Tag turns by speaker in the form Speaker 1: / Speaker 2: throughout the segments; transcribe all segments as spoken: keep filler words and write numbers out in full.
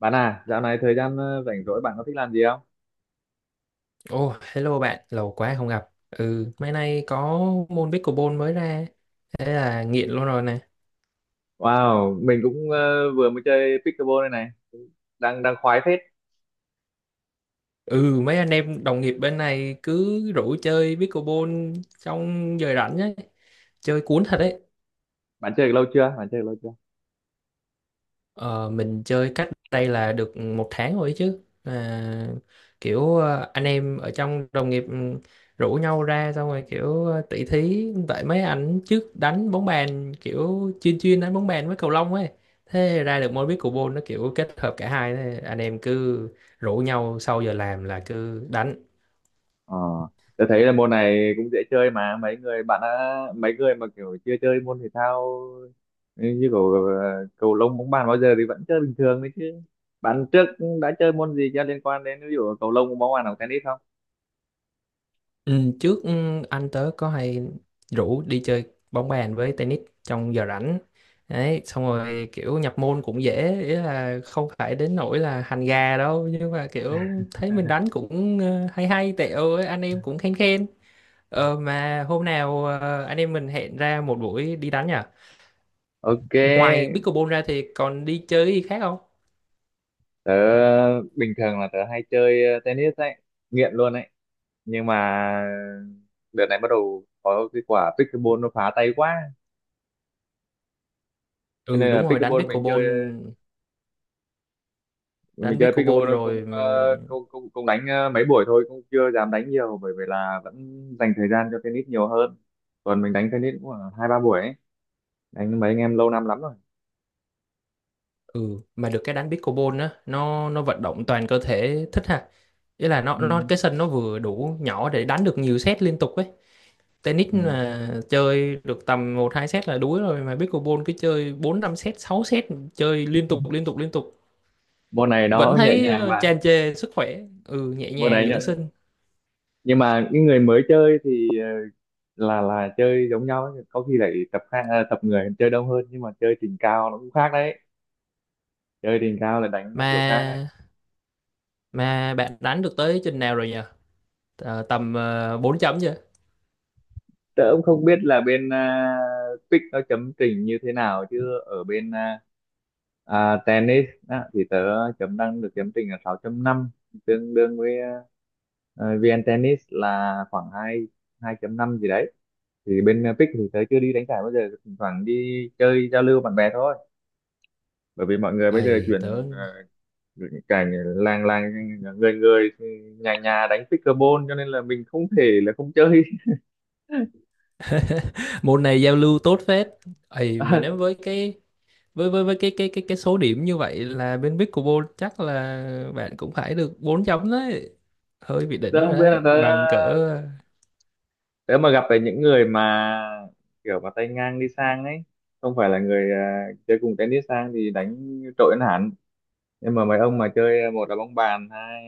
Speaker 1: Bạn à, dạo này thời gian ờ, rảnh rỗi bạn có thích làm gì không?
Speaker 2: Ồ, hello bạn, lâu quá không gặp. Ừ, mấy nay có môn pickleball mới ra, thế là nghiện luôn rồi nè.
Speaker 1: Wow, mình cũng ờ, vừa mới chơi pickleball đây này, đang đang khoái phết.
Speaker 2: Ừ, mấy anh em đồng nghiệp bên này cứ rủ chơi pickleball trong giờ rảnh ấy, chơi cuốn thật đấy.
Speaker 1: Bạn chơi lâu chưa? Bạn chơi lâu chưa?
Speaker 2: Ờ, mình chơi cách đây là được một tháng rồi ấy chứ à, kiểu ờ, anh em ở trong đồng nghiệp ừ, rủ nhau ra xong rồi kiểu ờ, tỷ thí tại mấy anh trước đánh bóng bàn kiểu chuyên chuyên đánh bóng bàn với cầu lông ấy, thế ra được môn biết cầu nó kiểu kết hợp cả hai, thế anh em cứ rủ nhau sau giờ làm là cứ đánh.
Speaker 1: Ờ, tôi thấy là môn này cũng dễ chơi mà mấy người bạn đã mấy người mà kiểu chưa chơi môn thể thao ờ, như kiểu ờ, cầu lông, bóng bàn bao giờ thì vẫn chơi bình thường đấy chứ. Bạn trước đã chơi môn gì cho liên quan đến ví dụ cầu lông, bóng bàn hoặc tennis không?
Speaker 2: Ừ, trước ừ, anh tớ có hay rủ đi chơi bóng bàn với tennis trong giờ rảnh đấy, xong rồi kiểu nhập môn cũng dễ, ý là không phải đến nỗi là hành gà đâu nhưng mà kiểu thấy mình đánh cũng ờ, hay hay tẹo ấy, anh em cũng khen khen. Ờ, mà hôm nào ờ, anh em mình hẹn ra một buổi đi đánh nhỉ?
Speaker 1: Ok,
Speaker 2: Ngoài pickleball ra thì còn đi chơi gì khác không?
Speaker 1: tớ bình thường là tớ hay chơi ờ, tennis đấy, nghiện luôn đấy. Nhưng mà đợt này bắt đầu có cái quả pickleball nó phá tay quá, cho
Speaker 2: Ừ,
Speaker 1: nên là
Speaker 2: đúng rồi, đánh
Speaker 1: pickleball mình chơi
Speaker 2: pickleball.
Speaker 1: mình
Speaker 2: Đánh
Speaker 1: chơi
Speaker 2: pickleball
Speaker 1: pickleball
Speaker 2: rồi.
Speaker 1: cũng ờ, cũng cũng, cũng đánh ờ, mấy buổi thôi, cũng chưa dám đánh nhiều bởi vì là vẫn dành thời gian cho tennis nhiều hơn. Còn mình đánh tennis cũng khoảng hai ba buổi ấy, đánh với mấy anh em lâu năm lắm rồi.
Speaker 2: Ừ, mà được cái đánh pickleball á nó nó vận động toàn cơ thể thích ha, ý là nó
Speaker 1: Ừ.
Speaker 2: nó cái sân nó vừa đủ nhỏ để đánh được nhiều set liên tục ấy. Tennis
Speaker 1: Ừ.
Speaker 2: là chơi được tầm một hai set là đuối rồi, mà pickleball cứ chơi bốn năm set sáu set, chơi liên tục liên tục liên tục
Speaker 1: Môn này
Speaker 2: vẫn
Speaker 1: nó nhẹ
Speaker 2: thấy
Speaker 1: nhàng
Speaker 2: ờ,
Speaker 1: mà.
Speaker 2: tràn trề sức khỏe. Ừ, nhẹ
Speaker 1: Môn
Speaker 2: nhàng
Speaker 1: này
Speaker 2: dưỡng
Speaker 1: nhẹ.
Speaker 2: sinh.
Speaker 1: Nhưng mà những người mới chơi thì ờ, là là chơi giống nhau ấy. Có khi lại tập khác, ờ, tập người chơi đông hơn, nhưng mà chơi trình cao nó cũng khác đấy. Chơi đỉnh cao là đánh theo kiểu
Speaker 2: mà
Speaker 1: khác đấy.
Speaker 2: mà bạn đánh được tới trình nào rồi nhỉ? Ờ, tầm uh, bốn chấm chưa?
Speaker 1: Tớ cũng không biết là bên uh, pick nó chấm trình như thế nào, chứ ở bên à, à, tennis á, thì tớ chấm đang được chấm trình là sáu chấm năm, tương đương với à, à, vi en Tennis là khoảng hai hai chấm năm gì đấy. Thì bên à, pick thì tớ chưa đi đánh giải bao giờ, thỉnh thoảng đi chơi giao lưu bạn bè thôi, bởi vì mọi người bây giờ
Speaker 2: Ấy tớ,
Speaker 1: chuyển uh, cảnh làng làng, người người, nhà nhà đánh pickleball, cho nên là mình không thể là không chơi.
Speaker 2: môn này giao lưu tốt phết. Ấy mà nếu với cái với với với cái cái cái cái số điểm như vậy là bên Pickleball chắc là bạn cũng phải được bốn chấm đấy, hơi bị
Speaker 1: Tớ
Speaker 2: đỉnh rồi
Speaker 1: không biết
Speaker 2: đấy,
Speaker 1: là tớ
Speaker 2: bằng cỡ.
Speaker 1: tớ mà gặp phải những người mà kiểu mà tay ngang đi sang ấy, không phải là người à, chơi cùng tennis sang thì đánh trội hơn hẳn. Nhưng mà mấy ông mà chơi một là bóng bàn, hai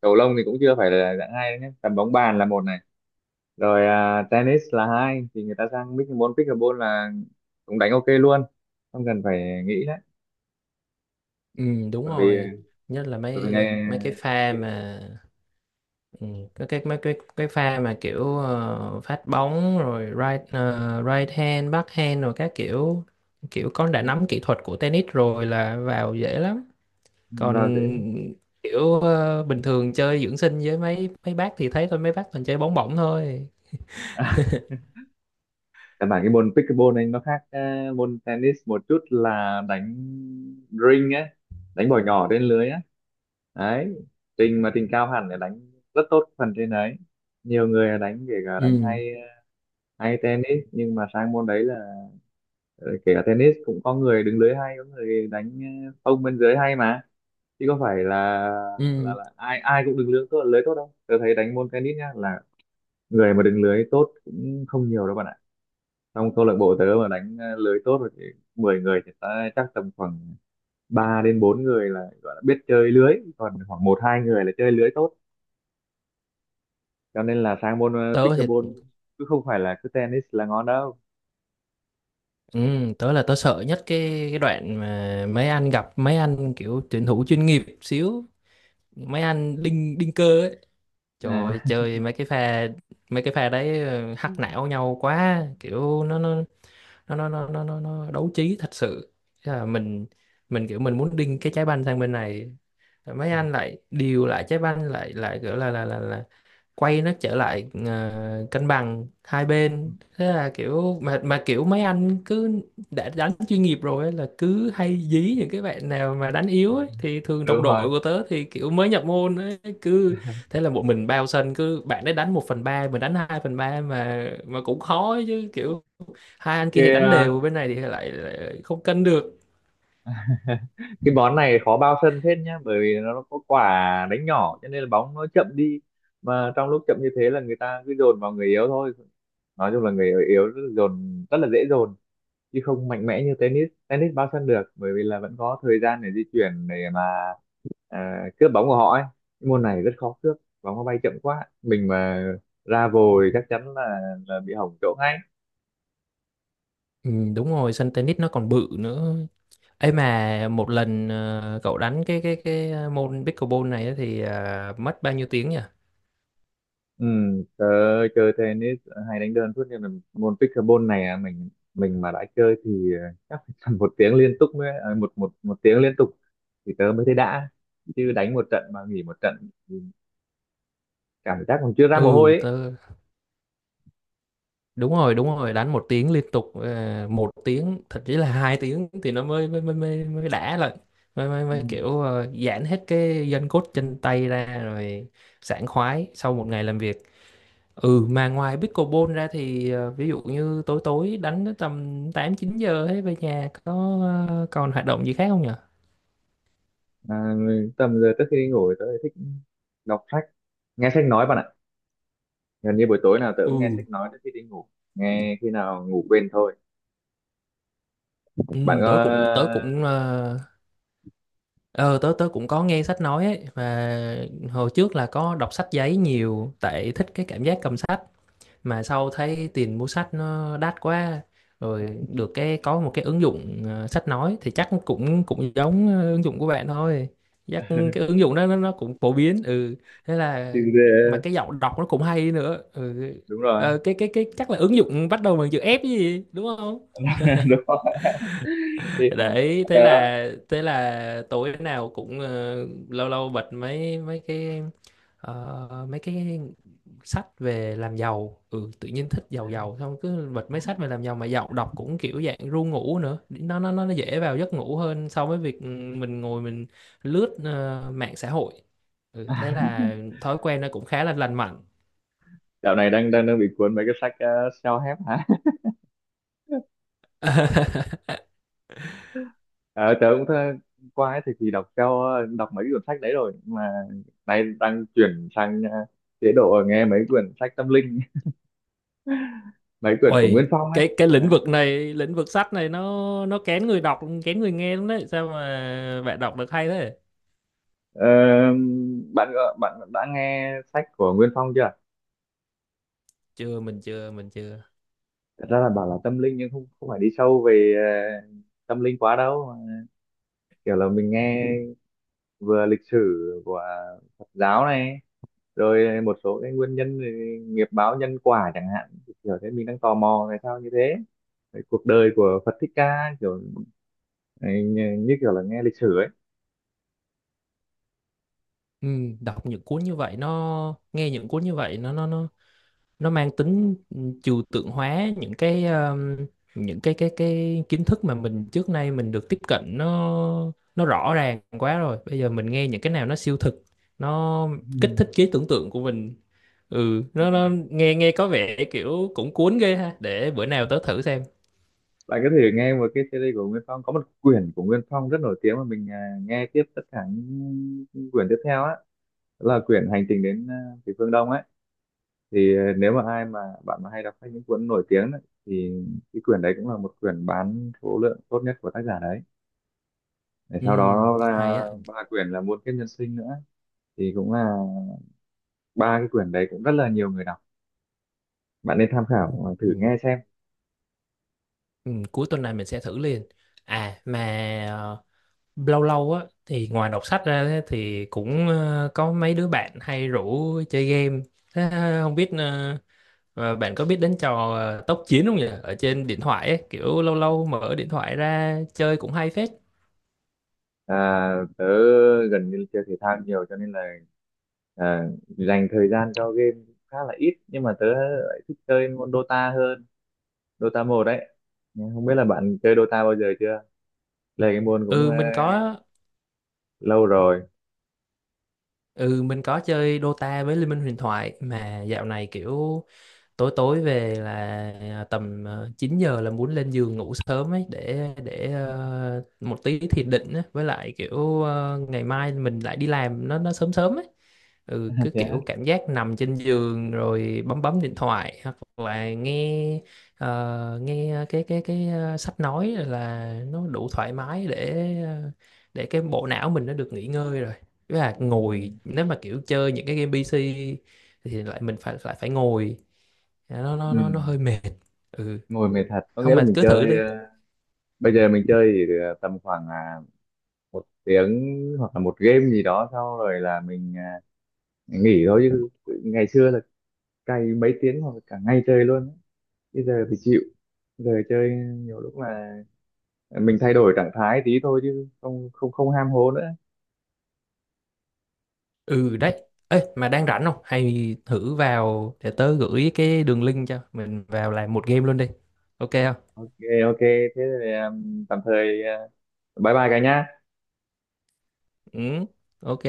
Speaker 1: cầu lông thì cũng chưa phải là dạng hai đấy nhé, tầm bóng bàn là một này, rồi à, tennis là hai, thì người ta sang pickleball pickleball là cũng đánh ok luôn, không cần phải nghĩ đấy,
Speaker 2: Ừ, đúng
Speaker 1: bởi vì
Speaker 2: rồi, nhất là
Speaker 1: bởi vì
Speaker 2: mấy
Speaker 1: ngày
Speaker 2: mấy cái pha mà. Ừ, cái cái mấy cái cái pha mà kiểu ờ, phát bóng rồi right ờ, right hand back hand rồi các kiểu, kiểu con đã nắm kỹ thuật của tennis rồi là vào dễ lắm. Còn
Speaker 1: vào dễ.
Speaker 2: kiểu ờ, bình thường chơi dưỡng sinh với mấy mấy bác thì thấy thôi, mấy bác toàn chơi bóng bổng thôi.
Speaker 1: Căn bản cái môn pickleball anh nó khác ờ, môn tennis một chút là đánh ring á, đánh bỏ nhỏ trên lưới á đấy. Trình mà trình cao hẳn để đánh rất tốt phần trên đấy. Nhiều người là đánh kể cả đánh
Speaker 2: ừ
Speaker 1: hay, hay tennis, nhưng mà sang môn đấy là ờ, kể cả tennis cũng có người đứng lưới hay, có người đánh ờ, phông bên dưới hay mà, chứ có phải là là,
Speaker 2: Ừ,
Speaker 1: là ai ai cũng đứng lưới tốt lưới tốt đâu. Tôi thấy đánh môn tennis nhá, là người mà đứng lưới tốt cũng không nhiều đâu bạn ạ. Trong câu lạc bộ tớ mà đánh ờ, lưới tốt rồi thì mười người thì ta chắc tầm khoảng ba đến bốn người là gọi là biết chơi lưới, còn khoảng một hai người là chơi lưới tốt. Cho nên là sang môn ờ,
Speaker 2: tớ thì
Speaker 1: pickleball, cứ không phải là cứ tennis là ngon đâu.
Speaker 2: ừ, tớ là tớ sợ nhất cái cái đoạn mà mấy anh gặp mấy anh kiểu tuyển thủ chuyên nghiệp xíu, mấy anh đinh đinh cơ ấy. Trời
Speaker 1: à,
Speaker 2: ơi, chơi mấy cái pha, mấy cái pha đấy ờ, hắc não nhau quá, kiểu nó nó nó nó nó nó nó, nó đấu trí thật sự. Thế là mình mình kiểu mình muốn đinh cái trái banh sang bên này, mấy anh lại điều lại trái banh lại lại kiểu là là là, là quay nó trở lại ờ, cân bằng hai bên. Thế là kiểu mà mà kiểu mấy anh cứ đã đánh chuyên nghiệp rồi ấy, là cứ hay dí những cái bạn nào mà đánh yếu ấy, thì thường đồng
Speaker 1: Đúng rồi.
Speaker 2: đội của tớ thì kiểu mới nhập môn ấy, cứ thế là một mình bao sân, cứ bạn ấy đánh một phần ba mình đánh hai phần ba. Mà mà cũng khó ấy chứ, kiểu hai anh kia thì
Speaker 1: Cái
Speaker 2: đánh
Speaker 1: ờ,
Speaker 2: đều, bên này thì lại, lại không cân được.
Speaker 1: cái bón này khó bao sân phết nhá, bởi vì nó có quả đánh nhỏ, cho nên là bóng nó chậm đi, mà trong lúc chậm như thế là người ta cứ dồn vào người yếu thôi. Nói chung là người yếu dồn rất là dễ dồn, chứ không mạnh mẽ như tennis. Tennis bao sân được bởi vì là vẫn có thời gian để di chuyển để mà à, cướp bóng của họ ấy. Cái môn này rất khó cướp bóng, nó bay chậm quá, mình mà ra vồi chắc chắn là là bị hỏng chỗ ngay.
Speaker 2: Ừ, đúng rồi, sân tennis nó còn bự nữa. Ấy mà một lần ờ, cậu đánh cái cái cái ờ, môn pickleball này á thì à, mất bao nhiêu tiếng nhỉ?
Speaker 1: Ừ, tớ chơi tennis hay đánh đơn suốt, nhưng mà môn pickleball này à, mình mình mà đã chơi thì à, chắc phải tầm một tiếng liên tục mới à, một một một tiếng liên tục thì tớ mới thấy đã, chứ đánh một trận mà nghỉ một trận thì cảm giác còn chưa ra mồ hôi
Speaker 2: ừ
Speaker 1: ấy.
Speaker 2: tớ, đúng rồi đúng rồi, đánh một tiếng liên tục, ờ, một tiếng thậm chí là hai tiếng thì nó mới mới mới mới, mới đã lại, mới, mới
Speaker 1: Ừ.
Speaker 2: mới kiểu ờ, giãn hết cái gân cốt chân tay ra rồi, sảng khoái sau một ngày làm việc. Ừ, mà ngoài pickleball ra thì ờ, ví dụ như tối tối đánh tới tầm tám chín giờ ấy, về nhà có ờ, còn hoạt động gì khác không nhỉ?
Speaker 1: À, tầm giờ trước khi đi ngủ thì tớ thích đọc sách, nghe sách nói bạn ạ. Gần như buổi tối nào tớ cũng nghe
Speaker 2: Ừ.
Speaker 1: sách nói trước khi đi ngủ. Nghe khi nào ngủ quên thôi.
Speaker 2: Ừ,
Speaker 1: Bạn
Speaker 2: tớ cũng tớ
Speaker 1: có.
Speaker 2: cũng ờ ờ, tớ tớ cũng có nghe sách nói ấy. Mà hồi trước là có đọc sách giấy nhiều tại thích cái cảm giác cầm sách, mà sau thấy tiền mua sách nó đắt quá. Rồi được cái có một cái ứng dụng ờ, sách nói thì chắc cũng cũng giống ờ, ứng dụng của bạn thôi, chắc cái ứng dụng đó nó, nó cũng phổ biến. Ừ, thế là, mà
Speaker 1: thì-
Speaker 2: cái giọng đọc nó cũng hay nữa. Ừ.
Speaker 1: Đúng rồi,
Speaker 2: Ờ, cái cái cái chắc là ứng dụng bắt đầu bằng chữ F chứ gì, đúng không?
Speaker 1: đúng rồi. Thì,
Speaker 2: Đấy, thế
Speaker 1: tớ
Speaker 2: là thế là tối nào cũng ờ, lâu lâu bật mấy mấy cái ờ, mấy cái sách về làm giàu. Ừ, tự nhiên thích giàu giàu, xong cứ bật mấy sách về làm giàu mà giàu, đọc cũng kiểu dạng ru ngủ nữa, nó nó nó dễ vào giấc ngủ hơn so với việc ừ, mình ngồi mình lướt ờ, mạng xã hội. Ừ, thế là thói quen nó cũng khá là lành mạnh.
Speaker 1: dạo này đang đang đang bị cuốn mấy cái sách uh, self-help hả? Ờ, tớ cũng thơ, qua ấy thì thì đọc theo đọc mấy cái cuốn sách đấy rồi, nhưng mà nay đang chuyển sang ờ, chế độ nghe mấy quyển sách tâm linh. Mấy quyển của
Speaker 2: Ôi,
Speaker 1: Nguyên Phong ấy.
Speaker 2: cái cái lĩnh vực này, lĩnh vực sách này nó nó kén người đọc, kén người nghe lắm đấy. Sao mà bạn đọc được hay thế?
Speaker 1: Ờ, bạn ờ, bạn đã nghe sách của Nguyên Phong chưa?
Speaker 2: Chưa, mình chưa, mình chưa.
Speaker 1: Thật ra là bảo là tâm linh nhưng không không phải đi sâu về ờ, tâm linh quá đâu. Kiểu là mình nghe vừa lịch sử của Phật giáo này, rồi một số cái nguyên nhân về nghiệp báo nhân quả chẳng hạn. Kiểu thế mình đang tò mò tại sao như thế. Cái cuộc đời của Phật Thích Ca kiểu ấy, như như kiểu là nghe lịch sử ấy.
Speaker 2: Ừ, đọc những cuốn như vậy nó nghe những cuốn như vậy nó nó nó nó mang tính trừu tượng hóa những cái, um, những cái cái cái kiến thức mà mình trước nay mình được tiếp cận nó nó rõ ràng quá rồi. Bây giờ mình nghe những cái nào nó siêu thực, nó kích thích trí tưởng tượng của mình. Ừ,
Speaker 1: Ừ.
Speaker 2: nó nó nghe nghe có vẻ kiểu cũng cuốn ghê ha, để bữa nào tớ thử xem.
Speaker 1: Bạn có thể nghe một cái series của Nguyên Phong, có một quyển của Nguyên Phong rất nổi tiếng mà mình à, nghe tiếp tất cả những quyển tiếp theo á, là quyển Hành trình đến à, Thủy Phương Đông ấy, thì à, nếu mà ai mà bạn mà hay đọc sách những cuốn nổi tiếng ấy, thì cái quyển đấy cũng là một quyển bán số lượng tốt nhất của tác giả đấy. Để
Speaker 2: Ừ,
Speaker 1: sau đó là
Speaker 2: hay á.
Speaker 1: ba quyển là Muôn Kiếp Nhân Sinh nữa, thì cũng là ba cái quyển đấy cũng rất là nhiều người đọc. Bạn nên tham khảo, à, thử
Speaker 2: Ừ,
Speaker 1: nghe xem.
Speaker 2: ừ, cuối tuần này mình sẽ thử liền. À mà ờ, lâu lâu á thì ngoài đọc sách ra á, thì cũng ờ, có mấy đứa bạn hay rủ chơi game. Thế ờ, không biết ờ, ờ, bạn có biết đến trò ờ, tốc chiến không nhỉ, ở trên điện thoại ấy, kiểu lâu lâu mở điện thoại ra chơi cũng hay phết.
Speaker 1: À, tớ gần như chơi thể thao nhiều, cho nên là à, dành thời gian cho game khá là ít, nhưng mà tớ lại thích chơi môn Dota hơn. Dota một đấy. Nhưng không biết là bạn chơi Dota bao giờ chưa. Chơi cái môn cũng
Speaker 2: ừ
Speaker 1: ờ,
Speaker 2: mình có
Speaker 1: lâu rồi.
Speaker 2: ừ mình có chơi Dota với Liên minh huyền thoại. Mà dạo này kiểu tối tối về là à, tầm ờ, chín giờ là muốn lên giường ngủ sớm ấy, để để ờ, một tí thiền định á. Với lại kiểu ờ, ngày mai mình lại đi làm nó nó sớm sớm ấy. Ừ, cứ
Speaker 1: Thế á?
Speaker 2: kiểu cảm giác nằm trên giường rồi bấm bấm điện thoại hoặc là nghe, ờ, nghe cái cái cái ờ, sách nói là nó đủ thoải mái để ờ, để cái bộ não mình nó được nghỉ ngơi rồi. Với là
Speaker 1: Ừ.
Speaker 2: ngồi nếu mà kiểu chơi những cái game pi xi thì lại mình phải phải phải ngồi. Dạ, nó nó
Speaker 1: Ừ.
Speaker 2: nó nó hơi mệt. Ừ.
Speaker 1: Ngồi mệt thật, có nghĩa
Speaker 2: không
Speaker 1: là
Speaker 2: mà
Speaker 1: mình
Speaker 2: cứ thử
Speaker 1: chơi
Speaker 2: đi.
Speaker 1: ờ, bây giờ mình chơi thì ờ, tầm khoảng à, một tiếng hoặc là một game gì đó, sau rồi là mình à, nghỉ thôi, chứ ngày xưa là cày mấy tiếng hoặc là cả ngày chơi luôn ấy. Bây giờ thì chịu. Giờ chơi nhiều lúc là mình thay đổi trạng thái tí thôi, chứ không không không ham hố nữa.
Speaker 2: Ừ, đấy. Ê, mà đang rảnh không, hay thử vào để tớ gửi cái đường link cho mình vào làm một game luôn đi, ok không?
Speaker 1: Ok, ok thế thì um, tạm thời uh, bye bye cả nhá.
Speaker 2: Ừ, ok.